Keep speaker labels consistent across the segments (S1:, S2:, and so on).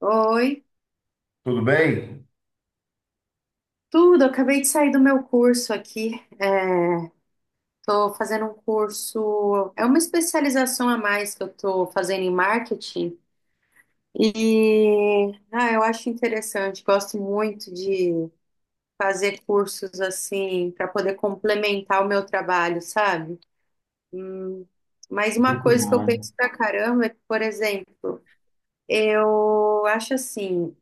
S1: Oi,
S2: Tudo bem?
S1: tudo. Eu acabei de sair do meu curso aqui. É, tô fazendo um curso, é uma especialização a mais que eu tô fazendo em marketing. E eu acho interessante. Gosto muito de fazer cursos assim para poder complementar o meu trabalho, sabe? Mas uma
S2: Muito
S1: coisa que eu
S2: bom.
S1: penso pra caramba é que, por exemplo, eu acho assim.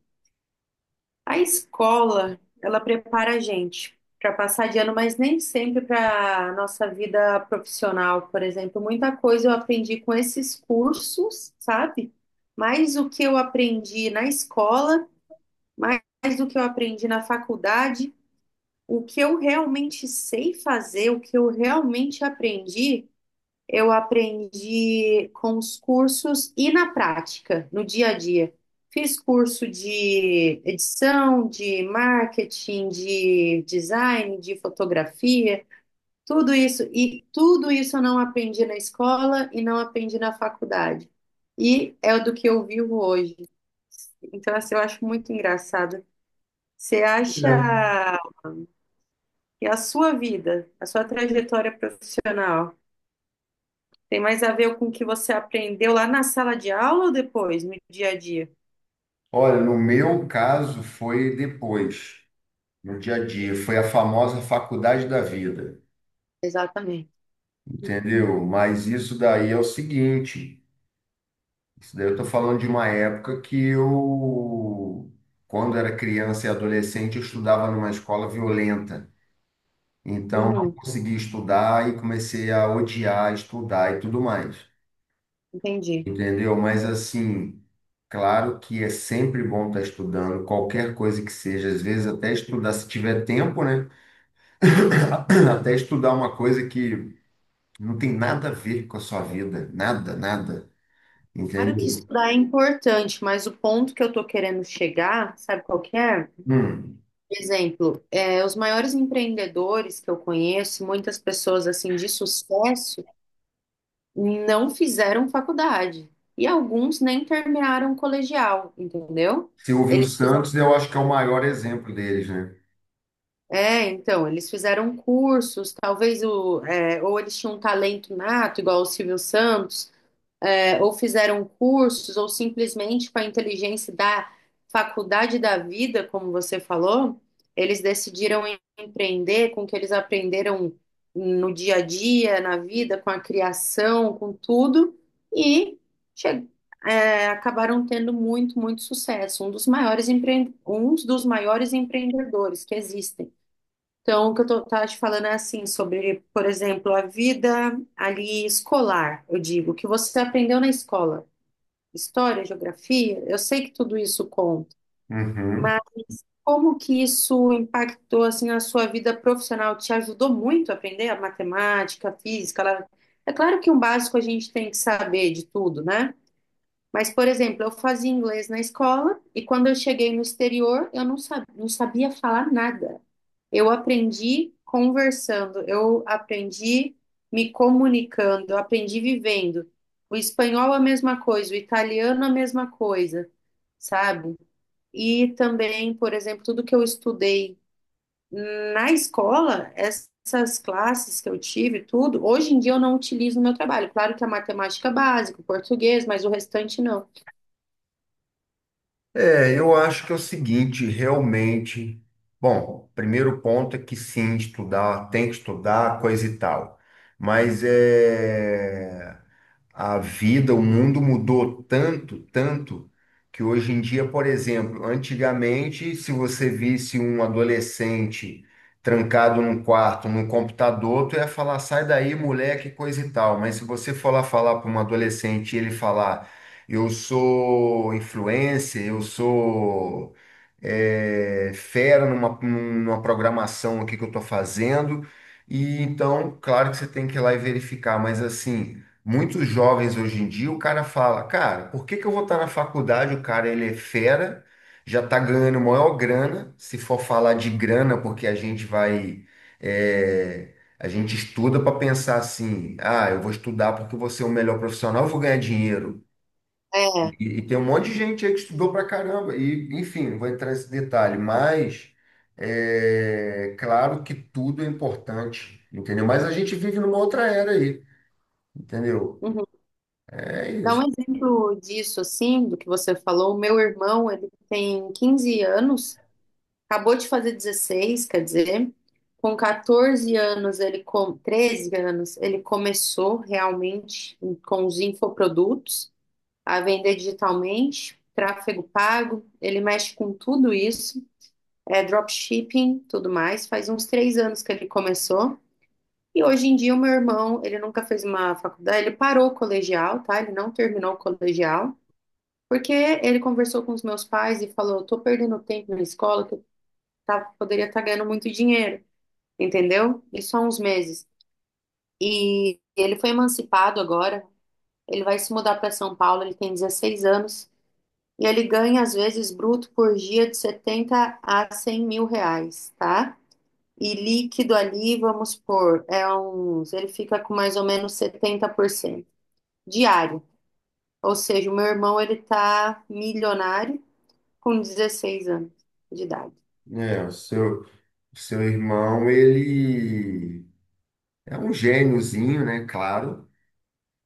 S1: A escola, ela prepara a gente para passar de ano, mas nem sempre para a nossa vida profissional, por exemplo. Muita coisa eu aprendi com esses cursos, sabe? Mais o que eu aprendi na escola, mais do que eu aprendi na faculdade, o que eu realmente sei fazer, o que eu realmente aprendi. Eu aprendi com os cursos e na prática, no dia a dia. Fiz curso de edição, de marketing, de design, de fotografia, tudo isso. E tudo isso eu não aprendi na escola e não aprendi na faculdade. E é do que eu vivo hoje. Então, assim, eu acho muito engraçado. Você acha
S2: É.
S1: que a sua vida, a sua trajetória profissional, tem mais a ver com o que você aprendeu lá na sala de aula ou depois, no dia a dia?
S2: Olha, no meu caso foi depois, no dia a dia, foi a famosa faculdade da vida,
S1: Exatamente.
S2: entendeu? Mas isso daí é o seguinte, isso daí eu tô falando de uma época que eu, quando era criança e adolescente, eu estudava numa escola violenta, então não
S1: Uhum,
S2: consegui estudar e comecei a odiar estudar e tudo mais,
S1: entendi.
S2: entendeu? Mas assim, claro que é sempre bom estar estudando, qualquer coisa que seja, às vezes até estudar, se tiver tempo, né? Até estudar uma coisa que não tem nada a ver com a sua vida, nada, nada,
S1: Claro que
S2: entendeu?
S1: estudar é importante, mas o ponto que eu estou querendo chegar, sabe qual que é?
S2: Hum.
S1: Por exemplo, é, os maiores empreendedores que eu conheço, muitas pessoas assim de sucesso, não fizeram faculdade. E alguns nem terminaram o colegial, entendeu?
S2: Silvio
S1: Eles fizeram
S2: Santos, eu acho que é o maior exemplo deles, né?
S1: É, então, eles fizeram cursos, talvez ou eles tinham um talento nato, igual o Silvio Santos, é, ou fizeram cursos, ou simplesmente com a inteligência da faculdade da vida, como você falou, eles decidiram empreender com o que eles aprenderam no dia a dia, na vida, com a criação, com tudo, e che- acabaram tendo muito, muito sucesso. Um dos maiores um dos maiores empreendedores que existem. Então, o que eu tava te falando é assim, sobre, por exemplo, a vida ali escolar, eu digo, o que você aprendeu na escola, história, geografia, eu sei que tudo isso conta,
S2: Uhum.
S1: mas como que isso impactou, assim, na sua vida profissional? Te ajudou muito a aprender a matemática, a física? É claro que um básico a gente tem que saber de tudo, né? Mas, por exemplo, eu fazia inglês na escola e quando eu cheguei no exterior, eu não sabia, não sabia falar nada. Eu aprendi conversando, eu aprendi me comunicando, eu aprendi vivendo. O espanhol a mesma coisa, o italiano a mesma coisa, sabe? E também, por exemplo, tudo que eu estudei na escola, essas classes que eu tive, tudo, hoje em dia eu não utilizo no meu trabalho. Claro que a matemática é básica, o português, mas o restante não.
S2: É, eu acho que é o seguinte, realmente. Bom, primeiro ponto é que sim, estudar, tem que estudar, coisa e tal. Mas é. A vida, o mundo mudou tanto, tanto, que hoje em dia, por exemplo, antigamente, se você visse um adolescente trancado num quarto, num computador, tu ia falar, sai daí, moleque, coisa e tal. Mas se você for lá falar para um adolescente e ele falar, eu sou influencer, eu sou fera numa programação aqui que eu estou fazendo, e então, claro que você tem que ir lá e verificar, mas assim. Muitos jovens hoje em dia, o cara fala, cara, por que que eu vou estar na faculdade? O cara, ele é fera, já está ganhando maior grana. Se for falar de grana, porque a gente vai, a gente estuda para pensar assim, ah, eu vou estudar porque eu vou ser o melhor profissional, eu vou ganhar dinheiro.
S1: É.
S2: E tem um monte de gente aí que estudou pra caramba. E, enfim, não vou entrar nesse detalhe, mas é claro que tudo é importante, entendeu? Mas a gente vive numa outra era aí, entendeu?
S1: Uhum.
S2: É
S1: Dá um
S2: isso.
S1: exemplo disso, assim, do que você falou. O meu irmão, ele tem 15 anos, acabou de fazer 16, quer dizer, com 14 anos, ele com 13 anos, ele começou realmente com os infoprodutos, a vender digitalmente, tráfego pago, ele mexe com tudo isso, é dropshipping, tudo mais. Faz uns 3 anos que ele começou. E hoje em dia o meu irmão, ele nunca fez uma faculdade, ele parou o colegial, tá? Ele não terminou o colegial, porque ele conversou com os meus pais e falou, tô perdendo tempo na escola, que eu tá, poderia estar ganhando muito dinheiro, entendeu? Isso há uns meses. E ele foi emancipado agora, ele vai se mudar para São Paulo, ele tem 16 anos, e ele ganha, às vezes, bruto por dia de 70 a 100 mil reais, tá? E líquido ali, vamos pôr, é uns, ele fica com mais ou menos 70% diário. Ou seja, o meu irmão ele tá milionário com 16 anos de idade.
S2: É, o seu, irmão, ele é um gêniozinho, né? Claro,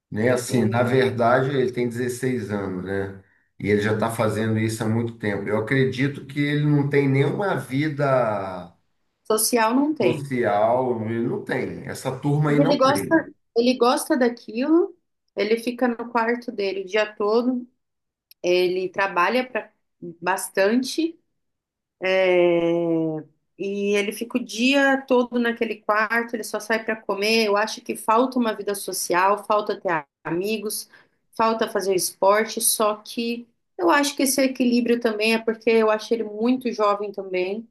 S2: né? Assim,
S1: Uhum.
S2: na verdade, ele tem 16 anos, né? E ele já está fazendo isso há muito tempo. Eu acredito que ele não tem nenhuma vida
S1: Social não tem.
S2: social, ele não tem. Essa turma
S1: Mas
S2: aí
S1: Ele
S2: não tem.
S1: gosta, ele gosta daquilo, ele fica no quarto dele o dia todo, ele trabalha pra, bastante. É, E ele fica o dia todo naquele quarto, ele só sai para comer. Eu acho que falta uma vida social, falta ter amigos, falta fazer esporte. Só que eu acho que esse equilíbrio também é porque eu acho ele muito jovem também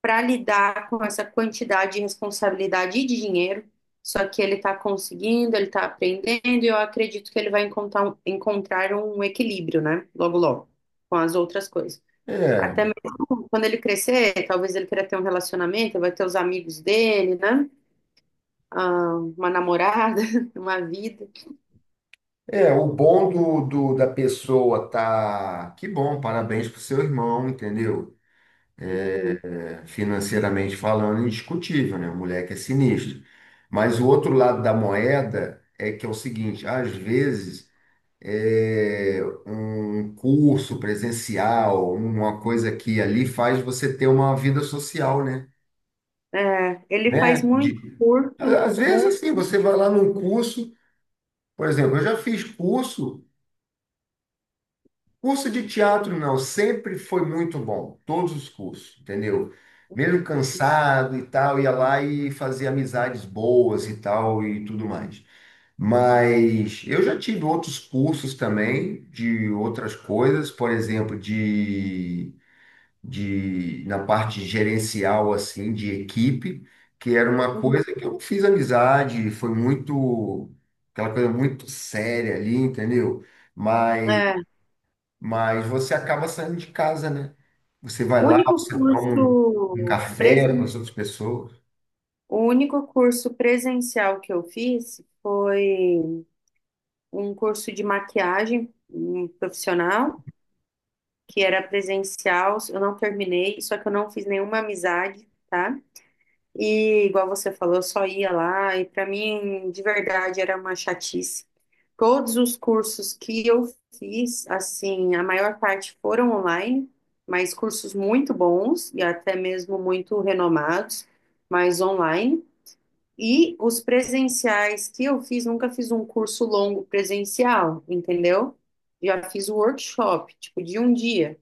S1: para lidar com essa quantidade de responsabilidade e de dinheiro. Só que ele está conseguindo, ele está aprendendo, e eu acredito que ele vai encontrar um equilíbrio, né? Logo, logo, com as outras coisas.
S2: É,
S1: Até mesmo quando ele crescer, talvez ele queira ter um relacionamento, vai ter os amigos dele, né? Ah, uma namorada, uma vida.
S2: é, o bom da pessoa tá. Que bom, parabéns pro seu irmão, entendeu?
S1: Uhum.
S2: Financeiramente falando, indiscutível, né? O moleque é sinistro. Mas o outro lado da moeda é que é o seguinte, às vezes é, um curso presencial, uma coisa aqui e ali faz você ter uma vida social, né?
S1: É, ele faz
S2: Né?
S1: muito
S2: De,
S1: curso,
S2: às
S1: muito.
S2: vezes assim, você vai lá num curso, por exemplo, eu já fiz curso de teatro não, sempre foi muito bom, todos os cursos, entendeu? Mesmo cansado e tal, ia lá e fazia amizades boas e tal e tudo mais. Mas eu já tive outros cursos também de outras coisas, por exemplo, de na parte gerencial assim de equipe, que era uma
S1: Uhum.
S2: coisa que eu não fiz amizade, foi muito aquela coisa muito séria ali, entendeu? mas
S1: É,
S2: mas você acaba saindo de casa, né? Você vai
S1: o
S2: lá,
S1: único
S2: você toma
S1: curso
S2: um café com as
S1: presen...
S2: outras pessoas.
S1: o único curso presencial que eu fiz foi um curso de maquiagem um profissional, que era presencial. Eu não terminei, só que eu não fiz nenhuma amizade, tá? E igual você falou, eu só ia lá e para mim, de verdade, era uma chatice. Todos os cursos que eu fiz, assim, a maior parte foram online, mas cursos muito bons e até mesmo muito renomados, mas online. E os presenciais que eu fiz, nunca fiz um curso longo presencial, entendeu? Já fiz o workshop, tipo, de um dia,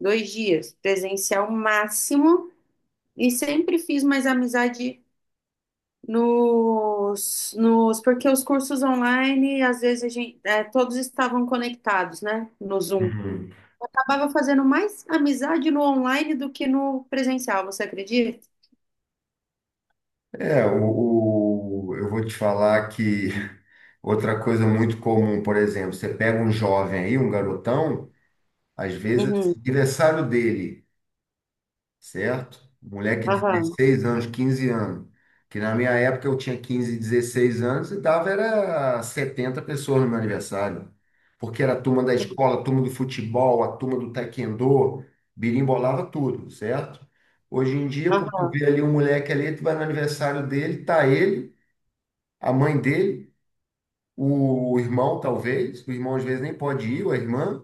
S1: 2 dias, presencial máximo, e sempre fiz mais amizade porque os cursos online, às vezes a gente, é, todos estavam conectados, né, no Zoom.
S2: Uhum.
S1: Acabava fazendo mais amizade no online do que no presencial, você acredita?
S2: É, eu vou te falar que outra coisa muito comum, por exemplo, você pega um jovem aí, um garotão, às vezes,
S1: Uhum,
S2: aniversário dele. Certo? Moleque de
S1: aham,
S2: 16 anos, 15 anos. Que na minha época eu tinha 15, 16 anos e dava era 70 pessoas no meu aniversário. Porque era a turma da escola, a turma do futebol, a turma do taekwondo, birimbolava tudo, certo? Hoje em dia, pô, tu
S1: aham,
S2: vê ali um moleque ali, tu vai no aniversário dele, tá ele, a mãe dele, o irmão talvez, o irmão às vezes nem pode ir, ou a irmã,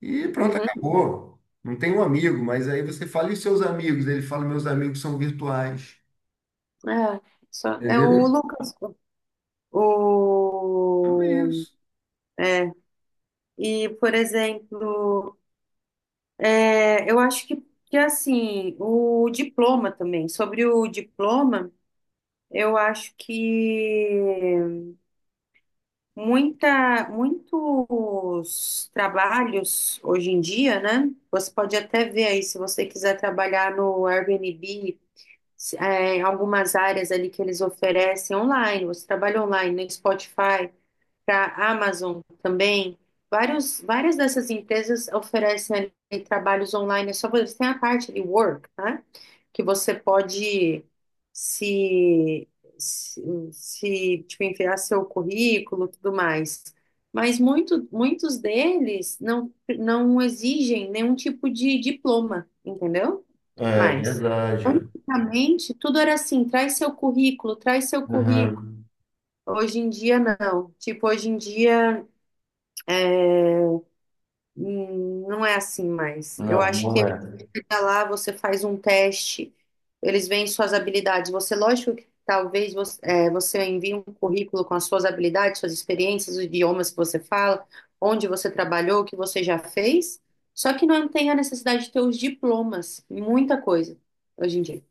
S2: e pronto,
S1: uhum,
S2: acabou. Não tem um amigo, mas aí você fala, e os seus amigos? Ele fala, meus amigos são virtuais.
S1: é, só, é o
S2: Entendeu?
S1: Lucas,
S2: Então é
S1: o,
S2: isso.
S1: é, e, por exemplo, é, eu acho que, assim, o diploma também, sobre o diploma, eu acho que muitos trabalhos hoje em dia, né? Você pode até ver aí, se você quiser trabalhar no Airbnb, algumas áreas ali que eles oferecem online, você trabalha online, no Spotify para a Amazon também. Vários, várias dessas empresas oferecem ali trabalhos online. É só você tem a parte de work, né? Que você pode se, se, se, tipo, enviar seu currículo, e tudo mais. Mas muitos deles não, não exigem nenhum tipo de diploma, entendeu?
S2: É
S1: Mas,
S2: verdade. Ó.
S1: antigamente, tudo era assim, traz seu currículo, traz seu currículo.
S2: Aham.
S1: Hoje em dia, não. Tipo, hoje em dia. Não é assim mais. Eu
S2: Não,
S1: acho
S2: não
S1: que
S2: é.
S1: fica lá, você faz um teste, eles veem suas habilidades. Você, lógico que talvez você, é, você envie um currículo com as suas habilidades, suas experiências, os idiomas que você fala, onde você trabalhou, o que você já fez. Só que não tem a necessidade de ter os diplomas, muita coisa hoje em dia.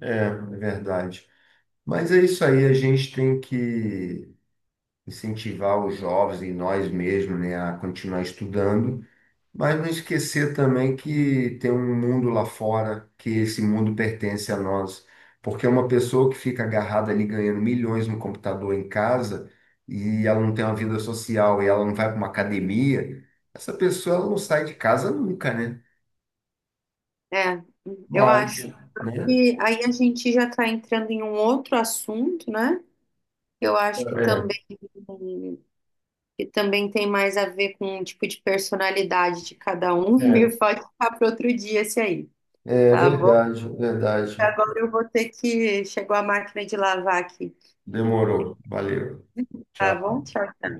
S2: É, é verdade. Mas é isso aí, a gente tem que incentivar os jovens e nós mesmos, né, a continuar estudando. Mas não esquecer também que tem um mundo lá fora, que esse mundo pertence a nós. Porque é uma pessoa que fica agarrada ali ganhando milhões no computador em casa e ela não tem uma vida social e ela não vai para uma academia, essa pessoa ela não sai de casa nunca, né?
S1: É, eu
S2: Mas,
S1: acho
S2: né?
S1: que aí a gente já está entrando em um outro assunto, né? Eu acho que
S2: É,
S1: também. que também tem mais a ver com o tipo de personalidade de cada um,
S2: É,
S1: e pode ficar para outro dia esse aí,
S2: é
S1: tá bom?
S2: verdade, verdade.
S1: Agora eu vou ter que. Chegou a máquina de lavar aqui,
S2: Demorou. Valeu.
S1: tá bom?
S2: Tchau.
S1: Tchau.